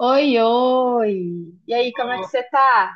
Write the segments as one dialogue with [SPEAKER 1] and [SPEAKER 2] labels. [SPEAKER 1] Oi, oi! E aí, como é que você tá?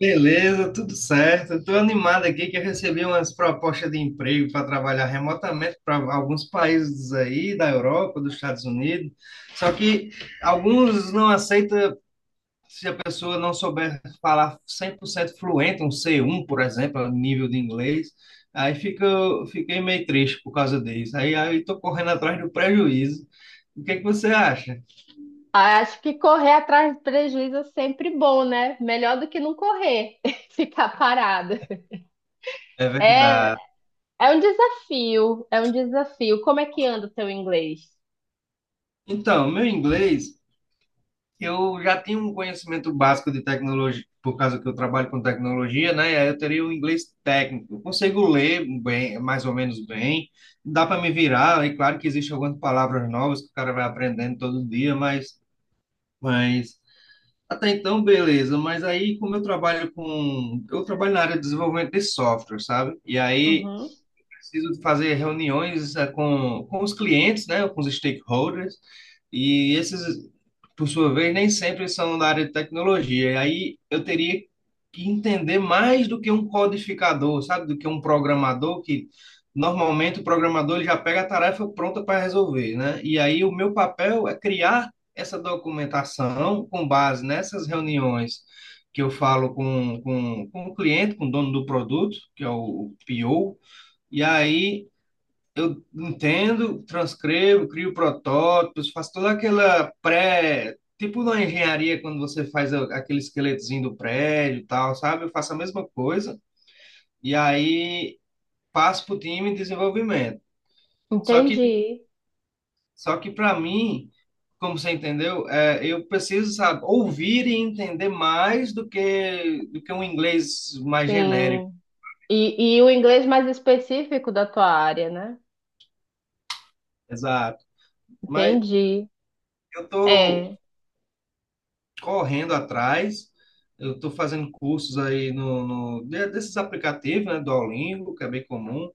[SPEAKER 2] Beleza, tudo certo. Estou animado aqui que eu recebi umas propostas de emprego para trabalhar remotamente para alguns países aí da Europa, dos Estados Unidos. Só que alguns não aceitam se a pessoa não souber falar 100% fluente, um C1, por exemplo, nível de inglês. Aí fica, fiquei meio triste por causa disso. Aí estou correndo atrás do prejuízo. O que é que você acha?
[SPEAKER 1] Ah, acho que correr atrás de prejuízo é sempre bom, né? Melhor do que não correr, ficar parado.
[SPEAKER 2] É
[SPEAKER 1] É,
[SPEAKER 2] verdade.
[SPEAKER 1] é um desafio, é um desafio. Como é que anda o teu inglês?
[SPEAKER 2] Então, meu inglês eu já tenho um conhecimento básico de tecnologia, por causa que eu trabalho com tecnologia, né? E aí eu teria o inglês técnico. Eu consigo ler bem, mais ou menos bem, dá para me virar. E claro que existem algumas palavras novas que o cara vai aprendendo todo dia, mas até então, beleza. Mas aí, como eu trabalho com. eu trabalho na área de desenvolvimento de software, sabe? E aí
[SPEAKER 1] Uhum.
[SPEAKER 2] preciso fazer reuniões com os clientes, né, com os stakeholders, e esses, por sua vez, nem sempre são da área de tecnologia. E aí eu teria que entender mais do que um codificador, sabe, do que um programador que normalmente o programador ele já pega a tarefa pronta para resolver, né? E aí o meu papel é criar essa documentação com base nessas reuniões que eu falo com o cliente, com o dono do produto, que é o PO, e aí eu entendo, transcrevo, crio protótipos, faço toda aquela pré, tipo na engenharia, quando você faz aquele esqueletozinho do prédio e tal, sabe? Eu faço a mesma coisa e aí passo para o time de desenvolvimento. Só que,
[SPEAKER 1] Entendi,
[SPEAKER 2] só que para mim, como você entendeu, eu preciso, sabe, ouvir e entender mais do que um inglês mais genérico.
[SPEAKER 1] sim. E o inglês mais específico da tua área, né?
[SPEAKER 2] Exato. Mas
[SPEAKER 1] Entendi.
[SPEAKER 2] eu tô
[SPEAKER 1] É.
[SPEAKER 2] correndo atrás. Eu estou fazendo cursos aí desses aplicativos, né, do Duolingo, que é bem comum,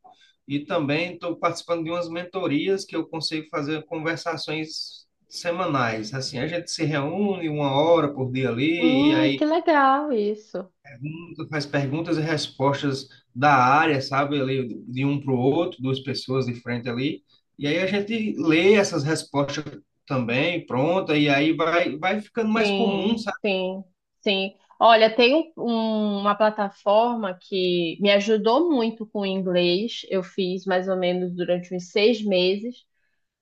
[SPEAKER 2] e também estou participando de umas mentorias que eu consigo fazer conversações semanais. Assim, a gente se reúne uma hora por dia ali, e aí
[SPEAKER 1] Que legal isso.
[SPEAKER 2] faz perguntas e respostas da área, sabe, ali, de um para o outro, duas pessoas de frente ali, e aí a gente lê essas respostas também, pronta, e aí vai, vai ficando mais comum.
[SPEAKER 1] Sim, sim, sim. Olha, tem uma plataforma que me ajudou muito com o inglês. Eu fiz mais ou menos durante uns 6 meses.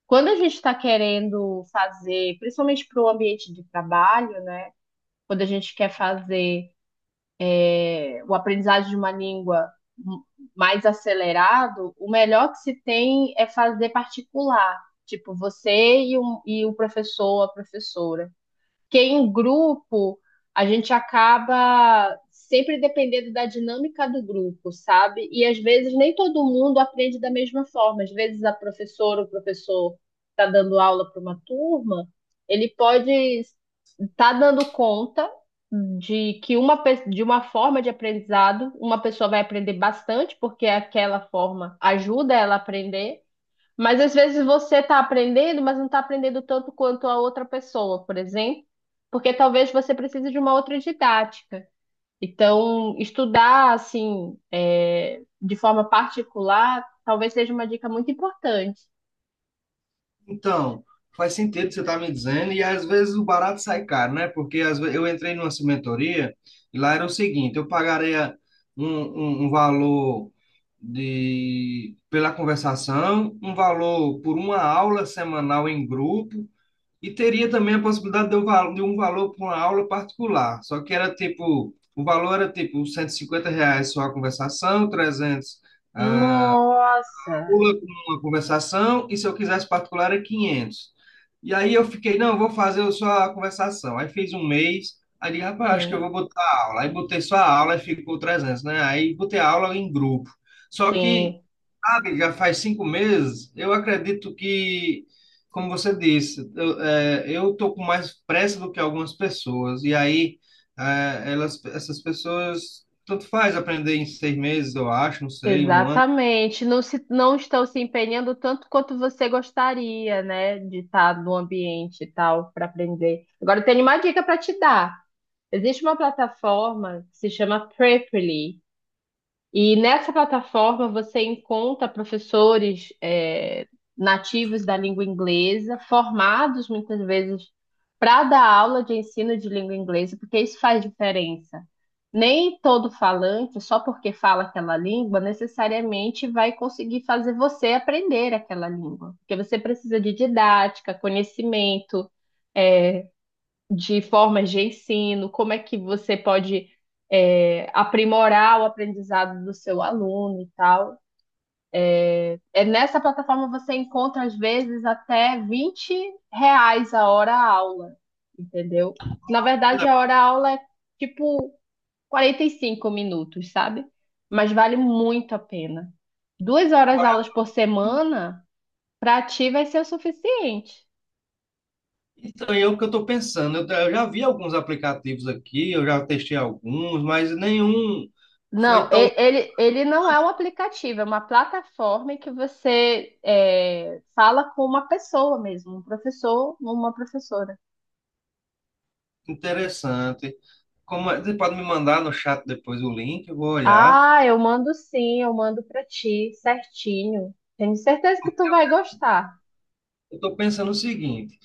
[SPEAKER 1] Quando a gente está querendo fazer, principalmente para o ambiente de trabalho, né? Quando a gente quer fazer o aprendizado de uma língua m- mais acelerado, o melhor que se tem é fazer particular. Tipo, você e o professor, a professora. Porque em grupo, a gente acaba sempre dependendo da dinâmica do grupo, sabe? E às vezes nem todo mundo aprende da mesma forma. Às vezes a professora ou o professor está dando aula para uma turma, ele pode estar dando conta de que de uma forma de aprendizado, uma pessoa vai aprender bastante, porque aquela forma ajuda ela a aprender, mas às vezes você está aprendendo, mas não está aprendendo tanto quanto a outra pessoa, por exemplo, porque talvez você precise de uma outra didática. Então, estudar assim, de forma particular, talvez seja uma dica muito importante.
[SPEAKER 2] Então, faz sentido o que você está me dizendo, e às vezes o barato sai caro, né? Porque às vezes, eu entrei numa cimentoria e lá era o seguinte: eu pagaria um valor pela conversação, um valor por uma aula semanal em grupo, e teria também a possibilidade de um valor por uma aula particular. Só que era tipo: o valor era tipo R$ 150 reais só a conversação, 300
[SPEAKER 1] Nossa,
[SPEAKER 2] pula com uma conversação, e se eu quisesse particular é 500. E aí eu fiquei, não, eu vou fazer só a conversação. Aí fiz um mês, aí digo, rapaz, acho que eu vou
[SPEAKER 1] sim,
[SPEAKER 2] botar a aula. Aí botei só a aula e ficou 300, né? Aí botei a aula em grupo. Só que,
[SPEAKER 1] sim,
[SPEAKER 2] sabe, já faz 5 meses, eu acredito que, como você disse, eu, eu tô com mais pressa do que algumas pessoas. E aí, essas pessoas, tanto faz aprender em 6 meses, eu acho, não sei, um ano.
[SPEAKER 1] exatamente. Não estão se empenhando tanto quanto você gostaria, né, de estar no ambiente e tal para aprender. Agora, eu tenho uma dica para te dar. Existe uma plataforma que se chama Preply, e nessa plataforma você encontra professores nativos da língua inglesa, formados muitas vezes para dar aula de ensino de língua inglesa, porque isso faz diferença. Nem todo falante, só porque fala aquela língua, necessariamente vai conseguir fazer você aprender aquela língua, porque você precisa de didática, conhecimento. é, de formas de ensino, como é que você pode aprimorar o aprendizado do seu aluno e tal. É, nessa plataforma você encontra, às vezes, até R$ 20 a hora-aula, entendeu? Na verdade, a hora-aula é tipo 45 minutos, sabe? Mas vale muito a pena. 2 horas aulas por semana, para ti vai ser o suficiente.
[SPEAKER 2] Então, é o que eu estou pensando. Eu já vi alguns aplicativos aqui, eu já testei alguns, mas nenhum
[SPEAKER 1] Não,
[SPEAKER 2] foi tão
[SPEAKER 1] ele não é um aplicativo, é uma plataforma em que você fala com uma pessoa mesmo, um professor, uma professora.
[SPEAKER 2] interessante. Como, você pode me mandar no chat depois o link, eu vou olhar.
[SPEAKER 1] Ah, eu mando sim, eu mando pra ti, certinho. Tenho certeza que tu vai gostar.
[SPEAKER 2] Eu estou pensando o seguinte.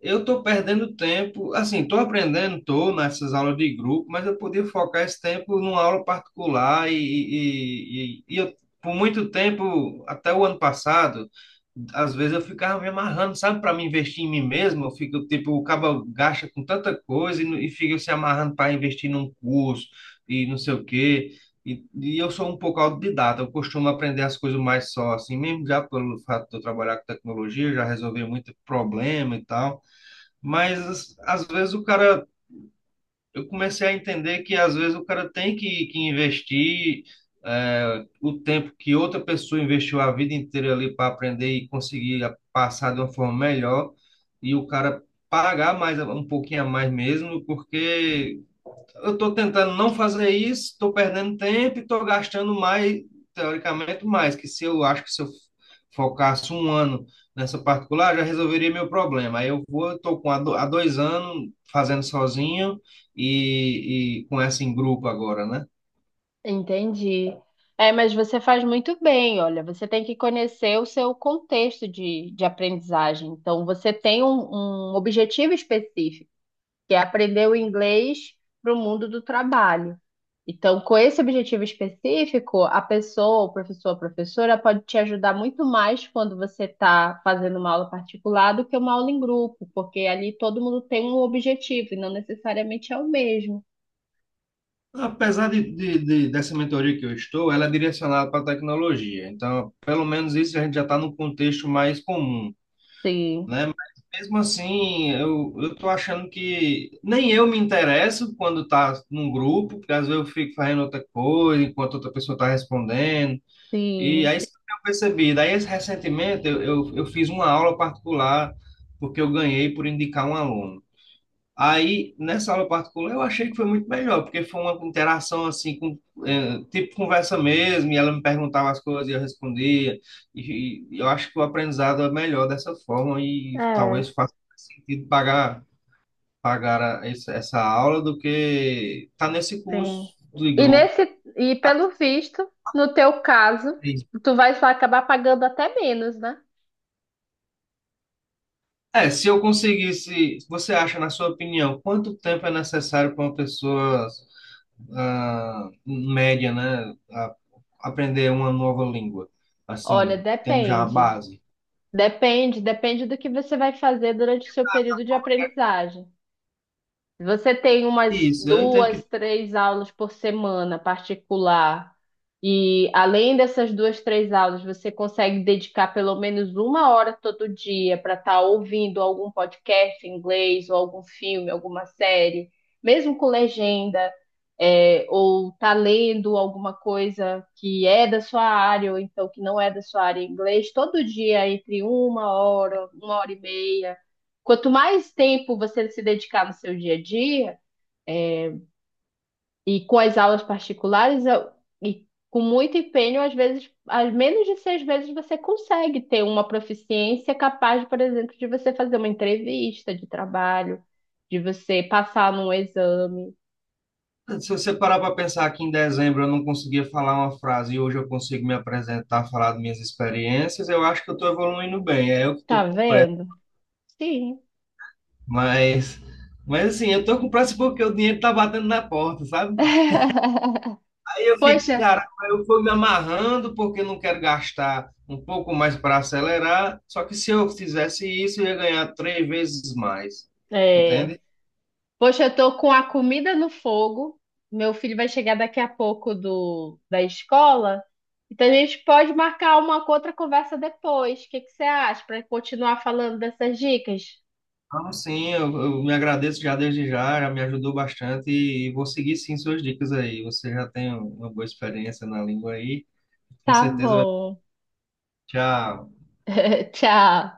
[SPEAKER 2] Eu estou perdendo tempo, assim, estou aprendendo, estou nessas aulas de grupo, mas eu podia focar esse tempo numa aula particular e eu, por muito tempo, até o ano passado, às vezes eu ficava me amarrando, sabe, para me investir em mim mesmo, eu fico, tipo, o cabo gasta com tanta coisa e, e fica se amarrando para investir num curso e não sei o quê. E eu sou um pouco autodidata, eu costumo aprender as coisas mais só, assim, mesmo já pelo fato de eu trabalhar com tecnologia, já resolvi muito problema e tal. Mas às vezes o cara, eu comecei a entender que às vezes o cara tem que investir o tempo que outra pessoa investiu a vida inteira ali para aprender e conseguir passar de uma forma melhor, e o cara pagar mais um pouquinho a mais mesmo, porque eu estou tentando não fazer isso, estou perdendo tempo e estou gastando mais, teoricamente, mais. Que se eu acho que se eu focasse um ano nessa particular, já resolveria meu problema. Aí eu vou, estou com há do- há 2 anos fazendo sozinho, e com essa em grupo agora, né?
[SPEAKER 1] Entendi. É, mas você faz muito bem, olha, você tem que conhecer o seu contexto de aprendizagem. Então, você tem um objetivo específico, que é aprender o inglês para o mundo do trabalho. Então, com esse objetivo específico, a pessoa, o professor, a professora pode te ajudar muito mais quando você está fazendo uma aula particular do que uma aula em grupo, porque ali todo mundo tem um objetivo e não necessariamente é o mesmo.
[SPEAKER 2] Apesar dessa mentoria que eu estou, ela é direcionada para a tecnologia. Então, pelo menos isso a gente já está no contexto mais comum,
[SPEAKER 1] Sim,
[SPEAKER 2] né? Mas mesmo assim, eu tô achando que nem eu me interesso quando tá num grupo, porque às vezes eu fico fazendo outra coisa enquanto outra pessoa tá respondendo. E
[SPEAKER 1] sim,
[SPEAKER 2] aí isso que eu percebi. Daí recentemente eu fiz uma aula particular porque eu ganhei por indicar um aluno. Aí, nessa aula particular, eu achei que foi muito melhor, porque foi uma interação assim, tipo conversa mesmo, e ela me perguntava as coisas e eu respondia. E eu acho que o aprendizado é melhor dessa forma, e talvez
[SPEAKER 1] é,
[SPEAKER 2] faça mais sentido pagar, essa aula do que estar nesse
[SPEAKER 1] sim.
[SPEAKER 2] curso de
[SPEAKER 1] E
[SPEAKER 2] grupo.
[SPEAKER 1] nesse, e pelo visto, no teu caso, tu vai só acabar pagando até menos, né?
[SPEAKER 2] É, se eu conseguisse, você acha, na sua opinião, quanto tempo é necessário para uma pessoa média, né? Aprender uma nova língua,
[SPEAKER 1] Olha,
[SPEAKER 2] assim, tendo já a
[SPEAKER 1] depende.
[SPEAKER 2] base.
[SPEAKER 1] Depende, depende do que você vai fazer durante o seu período de aprendizagem. Você tem umas
[SPEAKER 2] Isso, eu entendo
[SPEAKER 1] duas,
[SPEAKER 2] que
[SPEAKER 1] três aulas por semana particular. E além dessas duas, três aulas, você consegue dedicar pelo menos 1 hora todo dia para estar ouvindo algum podcast em inglês, ou algum filme, alguma série, mesmo com legenda, ou tá lendo alguma coisa que é da sua área, ou então que não é da sua área em inglês, todo dia entre 1 hora, 1 hora e meia. Quanto mais tempo você se dedicar no seu dia a dia, e com as aulas particulares, e com muito empenho, às vezes, às menos de 6 meses, você consegue ter uma proficiência capaz, por exemplo, de você fazer uma entrevista de trabalho, de você passar num exame.
[SPEAKER 2] se você parar para pensar que em dezembro eu não conseguia falar uma frase e hoje eu consigo me apresentar, falar das minhas experiências, eu acho que eu estou evoluindo bem. É eu que
[SPEAKER 1] Tá
[SPEAKER 2] estou com pressa,
[SPEAKER 1] vendo? Sim.
[SPEAKER 2] mas, mas, assim, eu estou com pressa porque o dinheiro está batendo na porta, sabe? Aí eu fico,
[SPEAKER 1] Poxa,
[SPEAKER 2] cara, eu fui me amarrando porque eu não quero gastar um pouco mais para acelerar. Só que se eu fizesse isso, eu ia ganhar três vezes mais.
[SPEAKER 1] é.
[SPEAKER 2] Entende?
[SPEAKER 1] Poxa, eu tô com a comida no fogo. Meu filho vai chegar daqui a pouco da escola. Então a gente pode marcar uma outra conversa depois. O que que você acha? Para continuar falando dessas dicas?
[SPEAKER 2] Então, sim, eu me agradeço já desde já, já me ajudou bastante e vou seguir sim suas dicas aí. Você já tem uma boa experiência na língua aí, com
[SPEAKER 1] Tá
[SPEAKER 2] certeza vai
[SPEAKER 1] bom.
[SPEAKER 2] já
[SPEAKER 1] Tchau.